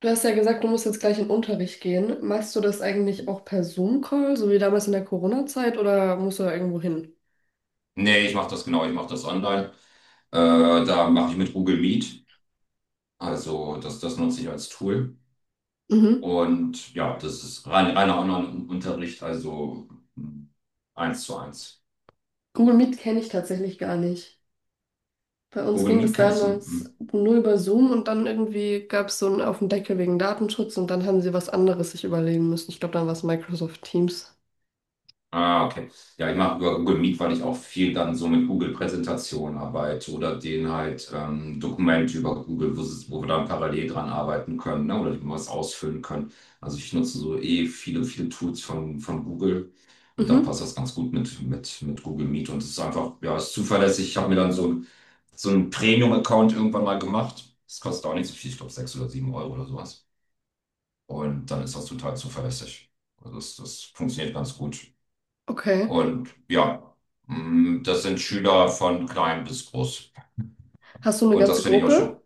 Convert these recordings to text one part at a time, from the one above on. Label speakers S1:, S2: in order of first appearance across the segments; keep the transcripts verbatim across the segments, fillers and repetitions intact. S1: Du hast ja gesagt, du musst jetzt gleich in den Unterricht gehen. Machst du das eigentlich auch per Zoom-Call, so wie damals in der Corona-Zeit, oder musst du da irgendwo hin?
S2: Nee, ich mache das, genau, ich mache das online. Äh, Da mache ich mit Google Meet. Also das, das nutze ich als Tool.
S1: Mhm.
S2: Und ja, das ist rein, reiner Online-Unterricht, also mh, eins zu eins.
S1: Google Meet kenne ich tatsächlich gar nicht. Bei uns
S2: Google
S1: ging
S2: Meet
S1: das
S2: kennst du?
S1: damals
S2: Hm.
S1: nur über Zoom und dann irgendwie gab es so einen auf den Deckel wegen Datenschutz und dann haben sie was anderes sich überlegen müssen. Ich glaube, dann war es Microsoft Teams.
S2: Ah, okay. Ja, ich mache über Google Meet, weil ich auch viel dann so mit Google-Präsentationen arbeite oder denen halt ähm, Dokumente über Google, wo, sie- wo wir dann parallel dran arbeiten können, ne? Oder die wir was ausfüllen können. Also ich nutze so eh viele, viele Tools von, von Google und dann passt
S1: Mhm.
S2: das ganz gut mit, mit, mit Google Meet, und es ist einfach, ja, es ist zuverlässig. Ich habe mir dann so ein- so einen Premium-Account irgendwann mal gemacht. Das kostet auch nicht so viel, ich glaube sechs oder sieben Euro oder sowas. Und dann ist das total zuverlässig. Also das, das funktioniert ganz gut.
S1: Okay.
S2: Und ja, mm, das sind Schüler von klein bis groß.
S1: Hast du eine
S2: Und das
S1: ganze
S2: finde ich auch
S1: Gruppe
S2: schön.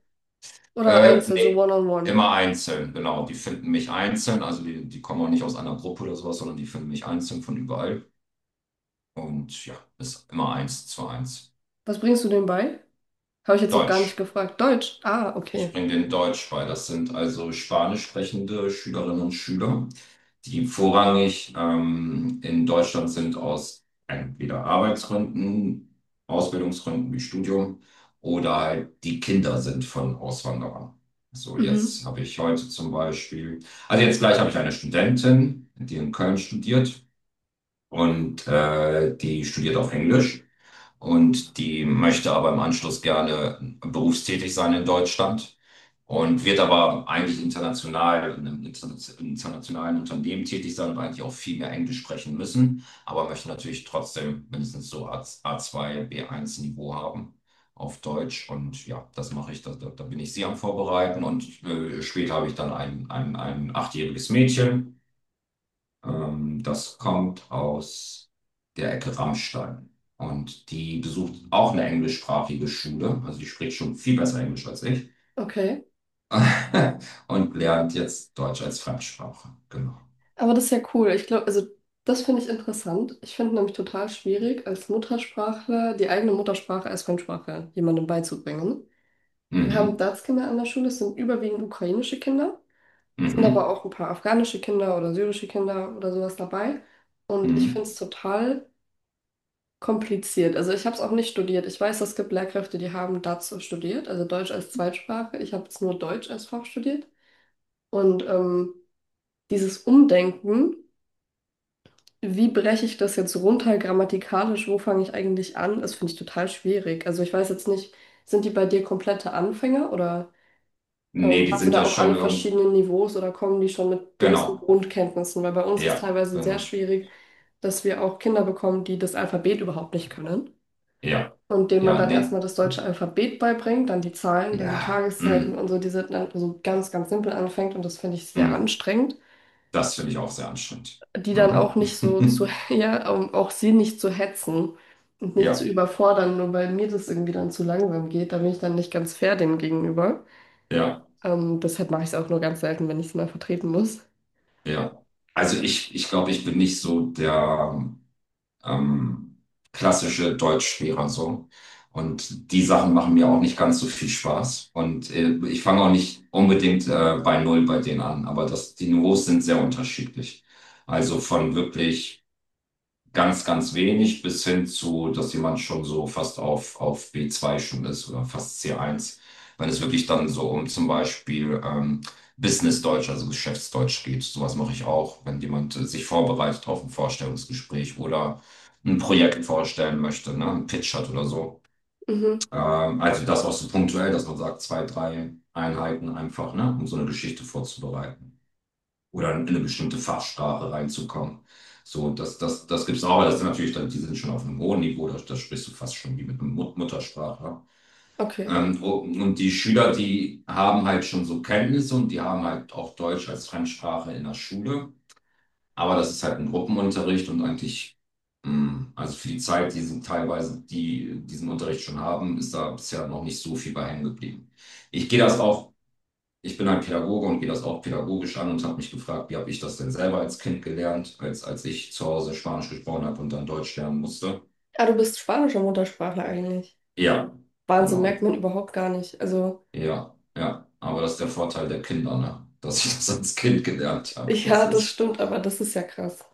S1: oder
S2: Äh,
S1: einzeln, so
S2: nee,
S1: One-on-One?
S2: immer einzeln, genau. Die finden mich einzeln, also die, die kommen auch nicht aus einer Gruppe oder sowas, sondern die finden mich einzeln von überall. Und ja, ist immer eins zu eins.
S1: Was bringst du denen bei? Habe ich jetzt noch gar nicht
S2: Deutsch.
S1: gefragt. Deutsch. Ah,
S2: Ich
S1: okay.
S2: bringe den Deutsch bei. Das sind also spanisch sprechende Schülerinnen und Schüler, die vorrangig ähm, in Deutschland sind aus entweder Arbeitsgründen, Ausbildungsgründen wie Studium oder halt die Kinder sind von Auswanderern. So,
S1: Mhm.
S2: jetzt habe ich heute zum Beispiel, also jetzt gleich habe ich eine Studentin, die in Köln studiert und äh, die studiert auf Englisch, und die möchte aber im Anschluss gerne berufstätig sein in Deutschland und wird aber eigentlich international in einem interna- internationalen Unternehmen tätig sein und eigentlich auch viel mehr Englisch sprechen müssen, aber möchte natürlich trotzdem mindestens so A- A2, B eins Niveau haben auf Deutsch. Und ja, das mache ich, da, da da bin ich sie am Vorbereiten, und äh, später habe ich dann ein, ein, ein achtjähriges Mädchen, ähm, das kommt aus der Ecke Rammstein. Und die besucht auch eine englischsprachige Schule. Also die spricht schon viel besser Englisch als ich.
S1: Okay.
S2: Und lernt jetzt Deutsch als Fremdsprache. Genau.
S1: Aber das ist ja cool. Ich glaube, also das finde ich interessant. Ich finde nämlich total schwierig, als Muttersprachler die eigene Muttersprache als Fremdsprache jemandem beizubringen. Wir haben
S2: Mhm.
S1: DaTs-Kinder an der Schule, es sind überwiegend ukrainische Kinder, sind aber
S2: Mhm.
S1: auch ein paar afghanische Kinder oder syrische Kinder oder sowas dabei. Und ich finde es
S2: Mhm.
S1: total kompliziert. Also ich habe es auch nicht studiert. Ich weiß, es gibt Lehrkräfte, die haben DaTs studiert, also Deutsch als Zweitsprache. Ich habe es nur Deutsch als Fach studiert. Und ähm, dieses Umdenken. Wie breche ich das jetzt runter grammatikalisch? Wo fange ich eigentlich an? Das finde ich total schwierig. Also ich weiß jetzt nicht, sind die bei dir komplette Anfänger oder ähm,
S2: Nee, die
S1: hast du
S2: sind
S1: da
S2: ja
S1: auch
S2: schon
S1: alle
S2: irgend...
S1: verschiedenen Niveaus oder kommen die schon mit gewissen
S2: Genau.
S1: Grundkenntnissen? Weil bei uns ist
S2: Ja,
S1: teilweise sehr
S2: genau.
S1: schwierig, dass wir auch Kinder bekommen, die das Alphabet überhaupt nicht können
S2: Ja,
S1: und denen man
S2: ja,
S1: dann
S2: nee.
S1: erstmal das deutsche Alphabet beibringt, dann die Zahlen, dann die
S2: Ja.
S1: Tageszeiten und
S2: Mhm.
S1: so, die sind dann so ganz, ganz simpel anfängt und das finde ich sehr
S2: Mhm.
S1: anstrengend.
S2: Das finde ich auch sehr anstrengend.
S1: Die dann auch nicht so zu,
S2: Mhm.
S1: ja, um auch sie nicht zu hetzen und nicht zu
S2: Ja,
S1: überfordern, nur weil mir das irgendwie dann zu langsam geht. Da bin ich dann nicht ganz fair denen gegenüber.
S2: ja,
S1: Ähm, deshalb mache ich es auch nur ganz selten, wenn ich es mal vertreten muss.
S2: ja. Also ich, ich glaube, ich bin nicht so der ähm, klassische Deutschlehrer so. Und die Sachen machen mir auch nicht ganz so viel Spaß. Und äh, ich fange auch nicht unbedingt äh, bei Null bei denen an, aber das, die Niveaus sind sehr unterschiedlich. Also von wirklich ganz, ganz wenig bis hin zu, dass jemand schon so fast auf, auf B zwei schon ist oder fast C eins, wenn es wirklich dann so um zum Beispiel ähm, Business-Deutsch, also Geschäftsdeutsch geht. Sowas mache ich auch, wenn jemand äh, sich vorbereitet auf ein Vorstellungsgespräch oder ein Projekt vorstellen möchte, ne, ein Pitch hat oder so.
S1: Mhm,
S2: Ähm, also das auch so punktuell, dass man sagt, zwei, drei Einheiten einfach, ne, um so eine Geschichte vorzubereiten oder in eine bestimmte Fachsprache reinzukommen. So, das, das, das gibt es auch, aber das sind natürlich dann, die sind schon auf einem hohen Niveau, da, da sprichst du fast schon wie mit einem Mut Muttersprachler.
S1: okay.
S2: Ähm, und und die Schüler, die haben halt schon so Kenntnisse und die haben halt auch Deutsch als Fremdsprache in der Schule, aber das ist halt ein Gruppenunterricht, und eigentlich, mh, also für die Zeit, die sie teilweise die diesen Unterricht schon haben, ist da bisher noch nicht so viel bei hängen geblieben. Ich gehe das auch, ich bin halt Pädagoge und gehe das auch pädagogisch an und habe mich gefragt, wie habe ich das denn selber als Kind gelernt, als, als ich zu Hause Spanisch gesprochen habe und dann Deutsch lernen musste.
S1: Ah, du bist spanischer Muttersprachler eigentlich.
S2: Ja,
S1: Wahnsinn, merkt
S2: genau.
S1: man überhaupt gar nicht. Also,
S2: Ja, ja. Aber das ist der Vorteil der Kinder, ne? Dass ich das als Kind gelernt habe. Das
S1: ja, das
S2: ist,
S1: stimmt, aber das ist ja krass.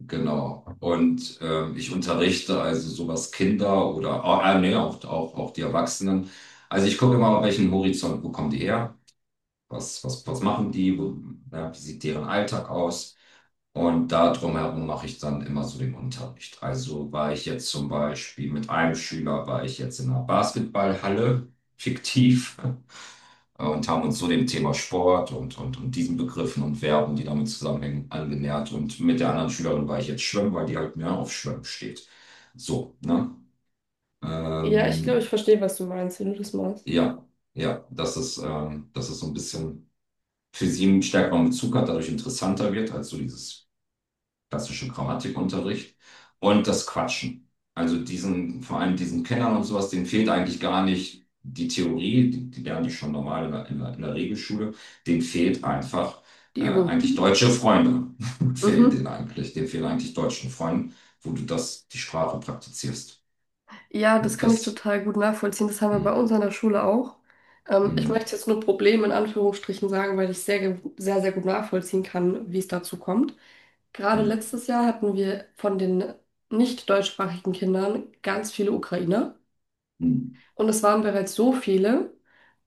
S2: genau. Und ähm, ich unterrichte also sowas Kinder oder, ah, äh, nee, auch, auch, auch die Erwachsenen. Also ich gucke immer, auf welchen Horizont, wo kommen die her? Was, was, was machen die, wo, ja, wie sieht deren Alltag aus? Und da drumherum mache ich dann immer so den Unterricht. Also war ich jetzt zum Beispiel mit einem Schüler, war ich jetzt in einer Basketballhalle, fiktiv, und haben uns so dem Thema Sport und, und, und diesen Begriffen und Verben, die damit zusammenhängen, angenähert. Und mit der anderen Schülerin war ich jetzt schwimmen, weil die halt mehr auf Schwimmen steht. So, ne?
S1: Ja, ich glaube, ich
S2: Ähm,
S1: verstehe, was du meinst, wenn du das machst.
S2: ja, ja, das ist, ähm, das ist so ein bisschen für sie einen stärkeren Bezug hat, dadurch interessanter wird als so dieses klassische Grammatikunterricht. Und das Quatschen. Also diesen, vor allem diesen Kennern und sowas, denen fehlt eigentlich gar nicht die Theorie, die, die lernen die schon normal in der, in der, in der Regelschule, denen fehlt einfach
S1: Die
S2: äh,
S1: Übung.
S2: eigentlich deutsche Freunde. Fehlen
S1: Mhm.
S2: denen eigentlich, denen fehlen eigentlich deutschen Freunden, wo du das, die Sprache praktizierst.
S1: Ja, das
S2: Und
S1: kann ich
S2: das,
S1: total gut nachvollziehen. Das haben wir
S2: mm,
S1: bei uns an der Schule auch. Ähm, ich
S2: mm,
S1: möchte jetzt nur Problem in Anführungsstrichen sagen, weil ich sehr, ge- sehr, sehr gut nachvollziehen kann, wie es dazu kommt. Gerade
S2: mm,
S1: letztes Jahr hatten wir von den nicht deutschsprachigen Kindern ganz viele Ukrainer.
S2: mm.
S1: Und es waren bereits so viele,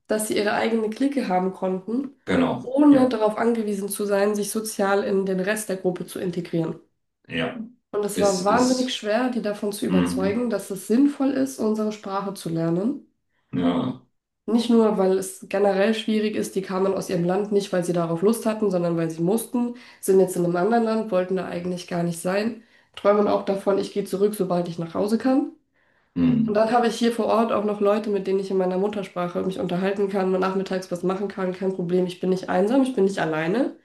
S1: dass sie ihre eigene Clique haben konnten,
S2: genau,
S1: ohne
S2: ja,
S1: darauf angewiesen zu sein, sich sozial in den Rest der Gruppe zu integrieren.
S2: ja,
S1: Und es
S2: es
S1: war wahnsinnig
S2: ist,
S1: schwer, die davon zu überzeugen,
S2: mhm,
S1: dass es sinnvoll ist, unsere Sprache zu lernen.
S2: ja,
S1: Nicht nur, weil es generell schwierig ist, die kamen aus ihrem Land nicht, weil sie darauf Lust hatten, sondern weil sie mussten, sind jetzt in einem anderen Land, wollten da eigentlich gar nicht sein, träumen auch davon, ich gehe zurück, sobald ich nach Hause kann. Und
S2: mm.
S1: dann habe ich hier vor Ort auch noch Leute, mit denen ich in meiner Muttersprache mich unterhalten kann, mal nachmittags was machen kann, kein Problem, ich bin nicht einsam, ich bin nicht alleine.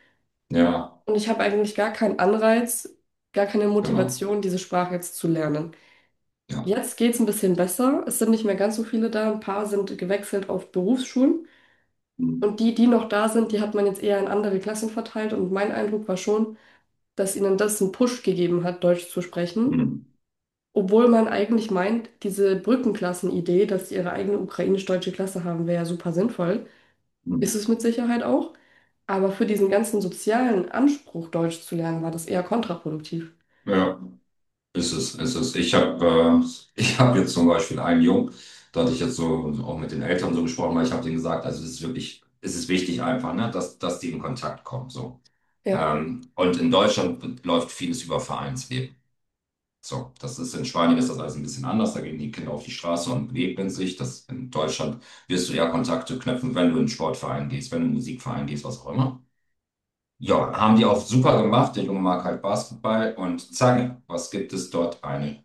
S2: Ja,
S1: Und ich habe eigentlich gar keinen Anreiz, gar keine
S2: genau.
S1: Motivation, diese Sprache jetzt zu lernen.
S2: Ja.
S1: Jetzt geht es ein bisschen besser, es sind nicht mehr ganz so viele da, ein paar sind gewechselt auf Berufsschulen.
S2: Hm,
S1: Und die, die noch da sind, die hat man jetzt eher in andere Klassen verteilt. Und mein Eindruck war schon, dass ihnen das einen Push gegeben hat, Deutsch zu sprechen.
S2: hm,
S1: Obwohl man eigentlich meint, diese Brückenklassen-Idee, dass sie ihre eigene ukrainisch-deutsche Klasse haben, wäre ja super sinnvoll. Ist
S2: hm.
S1: es mit Sicherheit auch. Aber für diesen ganzen sozialen Anspruch, Deutsch zu lernen, war das eher kontraproduktiv.
S2: Ja, ist es, ist es. Ich habe äh, ich hab jetzt zum Beispiel einen Jungen, da hatte ich jetzt so auch mit den Eltern so gesprochen, weil ich habe denen gesagt, also es ist wirklich, es ist wichtig einfach, ne, dass, dass die in Kontakt kommen. So.
S1: Ja.
S2: Ähm, und in Deutschland läuft vieles über Vereinsleben. So, das ist in Spanien ist das alles ein bisschen anders. Da gehen die Kinder auf die Straße und begegnen sich. Das in Deutschland wirst du eher Kontakte knüpfen, wenn du in einen Sportverein gehst, wenn du in einen Musikverein gehst, was auch immer. Ja, haben die auch super gemacht. Der Junge mag halt Basketball und zack, was gibt es dort? Eine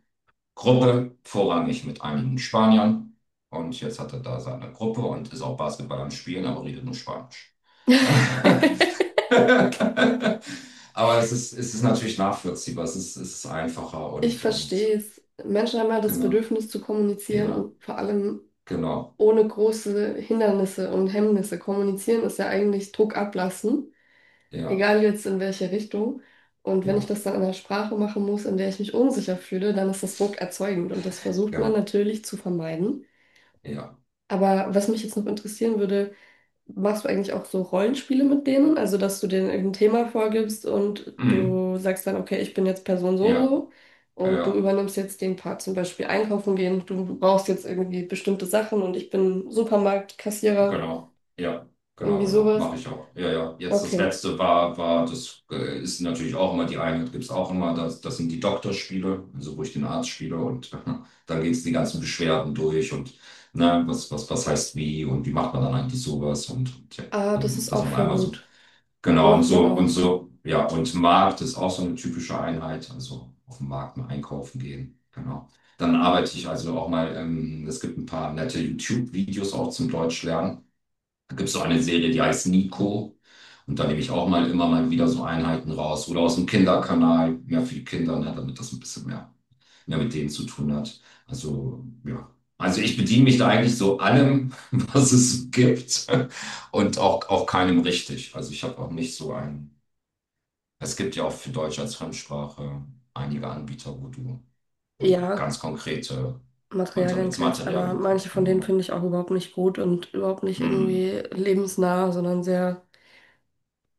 S2: Gruppe, vorrangig mit einigen Spaniern. Und jetzt hat er da seine Gruppe und ist auch Basketball am Spielen, aber redet nur Spanisch. Aber es ist, es ist natürlich nachvollziehbar, es ist, es ist einfacher,
S1: Ich
S2: und,
S1: verstehe
S2: und
S1: es. Menschen haben ja das
S2: genau,
S1: Bedürfnis zu kommunizieren
S2: ja,
S1: und vor allem
S2: genau,
S1: ohne große Hindernisse und Hemmnisse. Kommunizieren ist ja eigentlich Druck ablassen,
S2: ja,
S1: egal jetzt in welche Richtung. Und wenn ich
S2: ja,
S1: das dann in einer Sprache machen muss, in der ich mich unsicher fühle, dann ist das Druck erzeugend und das versucht man
S2: genau,
S1: natürlich zu vermeiden.
S2: ja,
S1: Aber was mich jetzt noch interessieren würde, machst du eigentlich auch so Rollenspiele mit denen? Also, dass du denen irgendein Thema vorgibst und
S2: mhm,
S1: du sagst dann, okay, ich bin jetzt Person so und
S2: ja,
S1: so und du
S2: ja.
S1: übernimmst jetzt den Part, zum Beispiel einkaufen gehen, du brauchst jetzt irgendwie bestimmte Sachen und ich bin Supermarktkassierer.
S2: Genau, ja, genau,
S1: Irgendwie
S2: genau,
S1: sowas.
S2: mache ich auch. Ja, ja, jetzt das
S1: Okay.
S2: letzte war, war das äh, ist natürlich auch immer die Einheit, gibt es auch immer, das, das sind die Doktorspiele, also wo ich den Arzt spiele, und dann geht's die ganzen Beschwerden durch und, ne, was, was, was heißt wie und wie macht man dann eigentlich sowas, und, und ja,
S1: Ah, das
S2: dann-
S1: ist
S2: dass
S1: auch
S2: man
S1: voll
S2: einmal so,
S1: gut.
S2: genau, und
S1: Braucht man
S2: so, und
S1: auch.
S2: so, ja, und Markt ist auch so eine typische Einheit, also auf dem Markt mal einkaufen gehen. Genau. Dann arbeite ich also auch mal, ähm, es gibt ein paar nette YouTube-Videos auch zum Deutsch lernen. Da gibt es auch eine Serie, die heißt Nico. Und da nehme ich auch mal immer mal wieder so Einheiten raus. Oder aus dem Kinderkanal, mehr für die Kinder, ne, damit das ein bisschen mehr, mehr mit denen zu tun hat. Also, ja. Also ich bediene mich da eigentlich so allem, was es gibt. Und auch, auch keinem richtig. Also ich habe auch nicht so ein. Es gibt ja auch für Deutsch als Fremdsprache einige Anbieter, wo du, wo du
S1: Ja,
S2: ganz konkrete
S1: Materialienkreis,
S2: Unterrichtsmaterial
S1: aber manche
S2: bekommst,
S1: von denen
S2: genau.
S1: finde ich auch überhaupt nicht gut und überhaupt nicht
S2: Hm,
S1: irgendwie lebensnah, sondern sehr,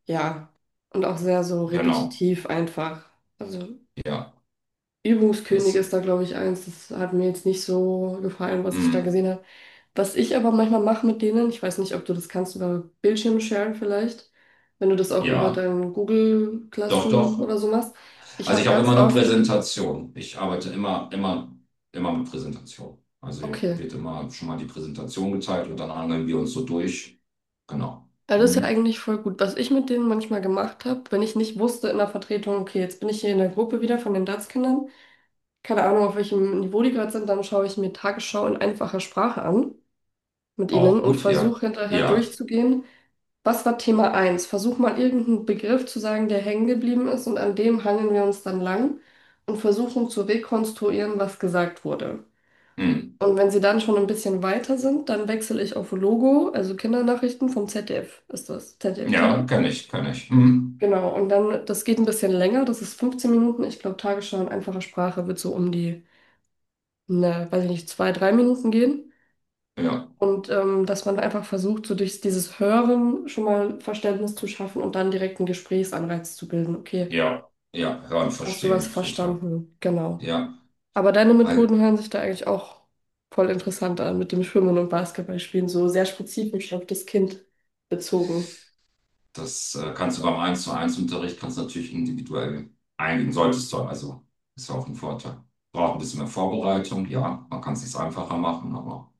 S1: ja, und auch sehr so
S2: genau.
S1: repetitiv einfach. Also
S2: Ja,
S1: Übungskönig
S2: das.
S1: ist da, glaube ich, eins. Das hat mir jetzt nicht so gefallen, was ich da
S2: Hm.
S1: gesehen habe. Was ich aber manchmal mache mit denen, ich weiß nicht, ob du das kannst über Bildschirm sharen vielleicht, wenn du das auch über
S2: Ja,
S1: dein Google
S2: doch,
S1: Classroom oder
S2: doch.
S1: so machst. Ich
S2: Also
S1: habe
S2: ich habe
S1: ganz
S2: immer eine
S1: oft.
S2: Präsentation. Ich arbeite immer, immer, immer mit Präsentation. Also
S1: Okay.
S2: wird immer schon mal die Präsentation geteilt und dann hangeln wir uns so durch. Genau.
S1: Ja, das ist ja
S2: Hm.
S1: eigentlich voll gut. Was ich mit denen manchmal gemacht habe, wenn ich nicht wusste in der Vertretung, okay, jetzt bin ich hier in der Gruppe wieder von den D A T S-Kindern, keine Ahnung, auf welchem Niveau die gerade sind, dann schaue ich mir Tagesschau in einfacher Sprache an mit ihnen
S2: Auch
S1: und
S2: gut,
S1: versuche
S2: ja.
S1: hinterher
S2: Ja.
S1: durchzugehen, was war Thema eins? Versuch mal irgendeinen Begriff zu sagen, der hängen geblieben ist und an dem hangeln wir uns dann lang und versuchen zu rekonstruieren, was gesagt wurde.
S2: Hm.
S1: Und wenn sie dann schon ein bisschen weiter sind, dann wechsle ich auf Logo, also Kindernachrichten vom Z D F ist das, Z D F
S2: Ja,
S1: T V.
S2: kann ich, kann ich. Hm.
S1: Genau, und dann, das geht ein bisschen länger, das ist fünfzehn Minuten. Ich glaube, Tagesschau in einfacher Sprache wird so um die, ne, weiß ich nicht, zwei, drei Minuten gehen.
S2: Ja,
S1: Und ähm, dass man einfach versucht, so durch dieses Hören schon mal Verständnis zu schaffen und dann direkt einen Gesprächsanreiz zu bilden. Okay,
S2: ja, ja, hören,
S1: hast du was
S2: verstehen, total.
S1: verstanden? Genau.
S2: Ja.
S1: Aber deine Methoden hören sich da eigentlich auch voll interessant an mit dem Schwimmen und Basketballspielen, so sehr spezifisch auf das Kind bezogen.
S2: Das äh, kannst du beim eins zu eins Unterricht kannst du natürlich individuell eingehen, solltest du. Also ist ja auch ein Vorteil. Braucht ein bisschen mehr Vorbereitung, ja, man kann es sich einfacher machen, aber.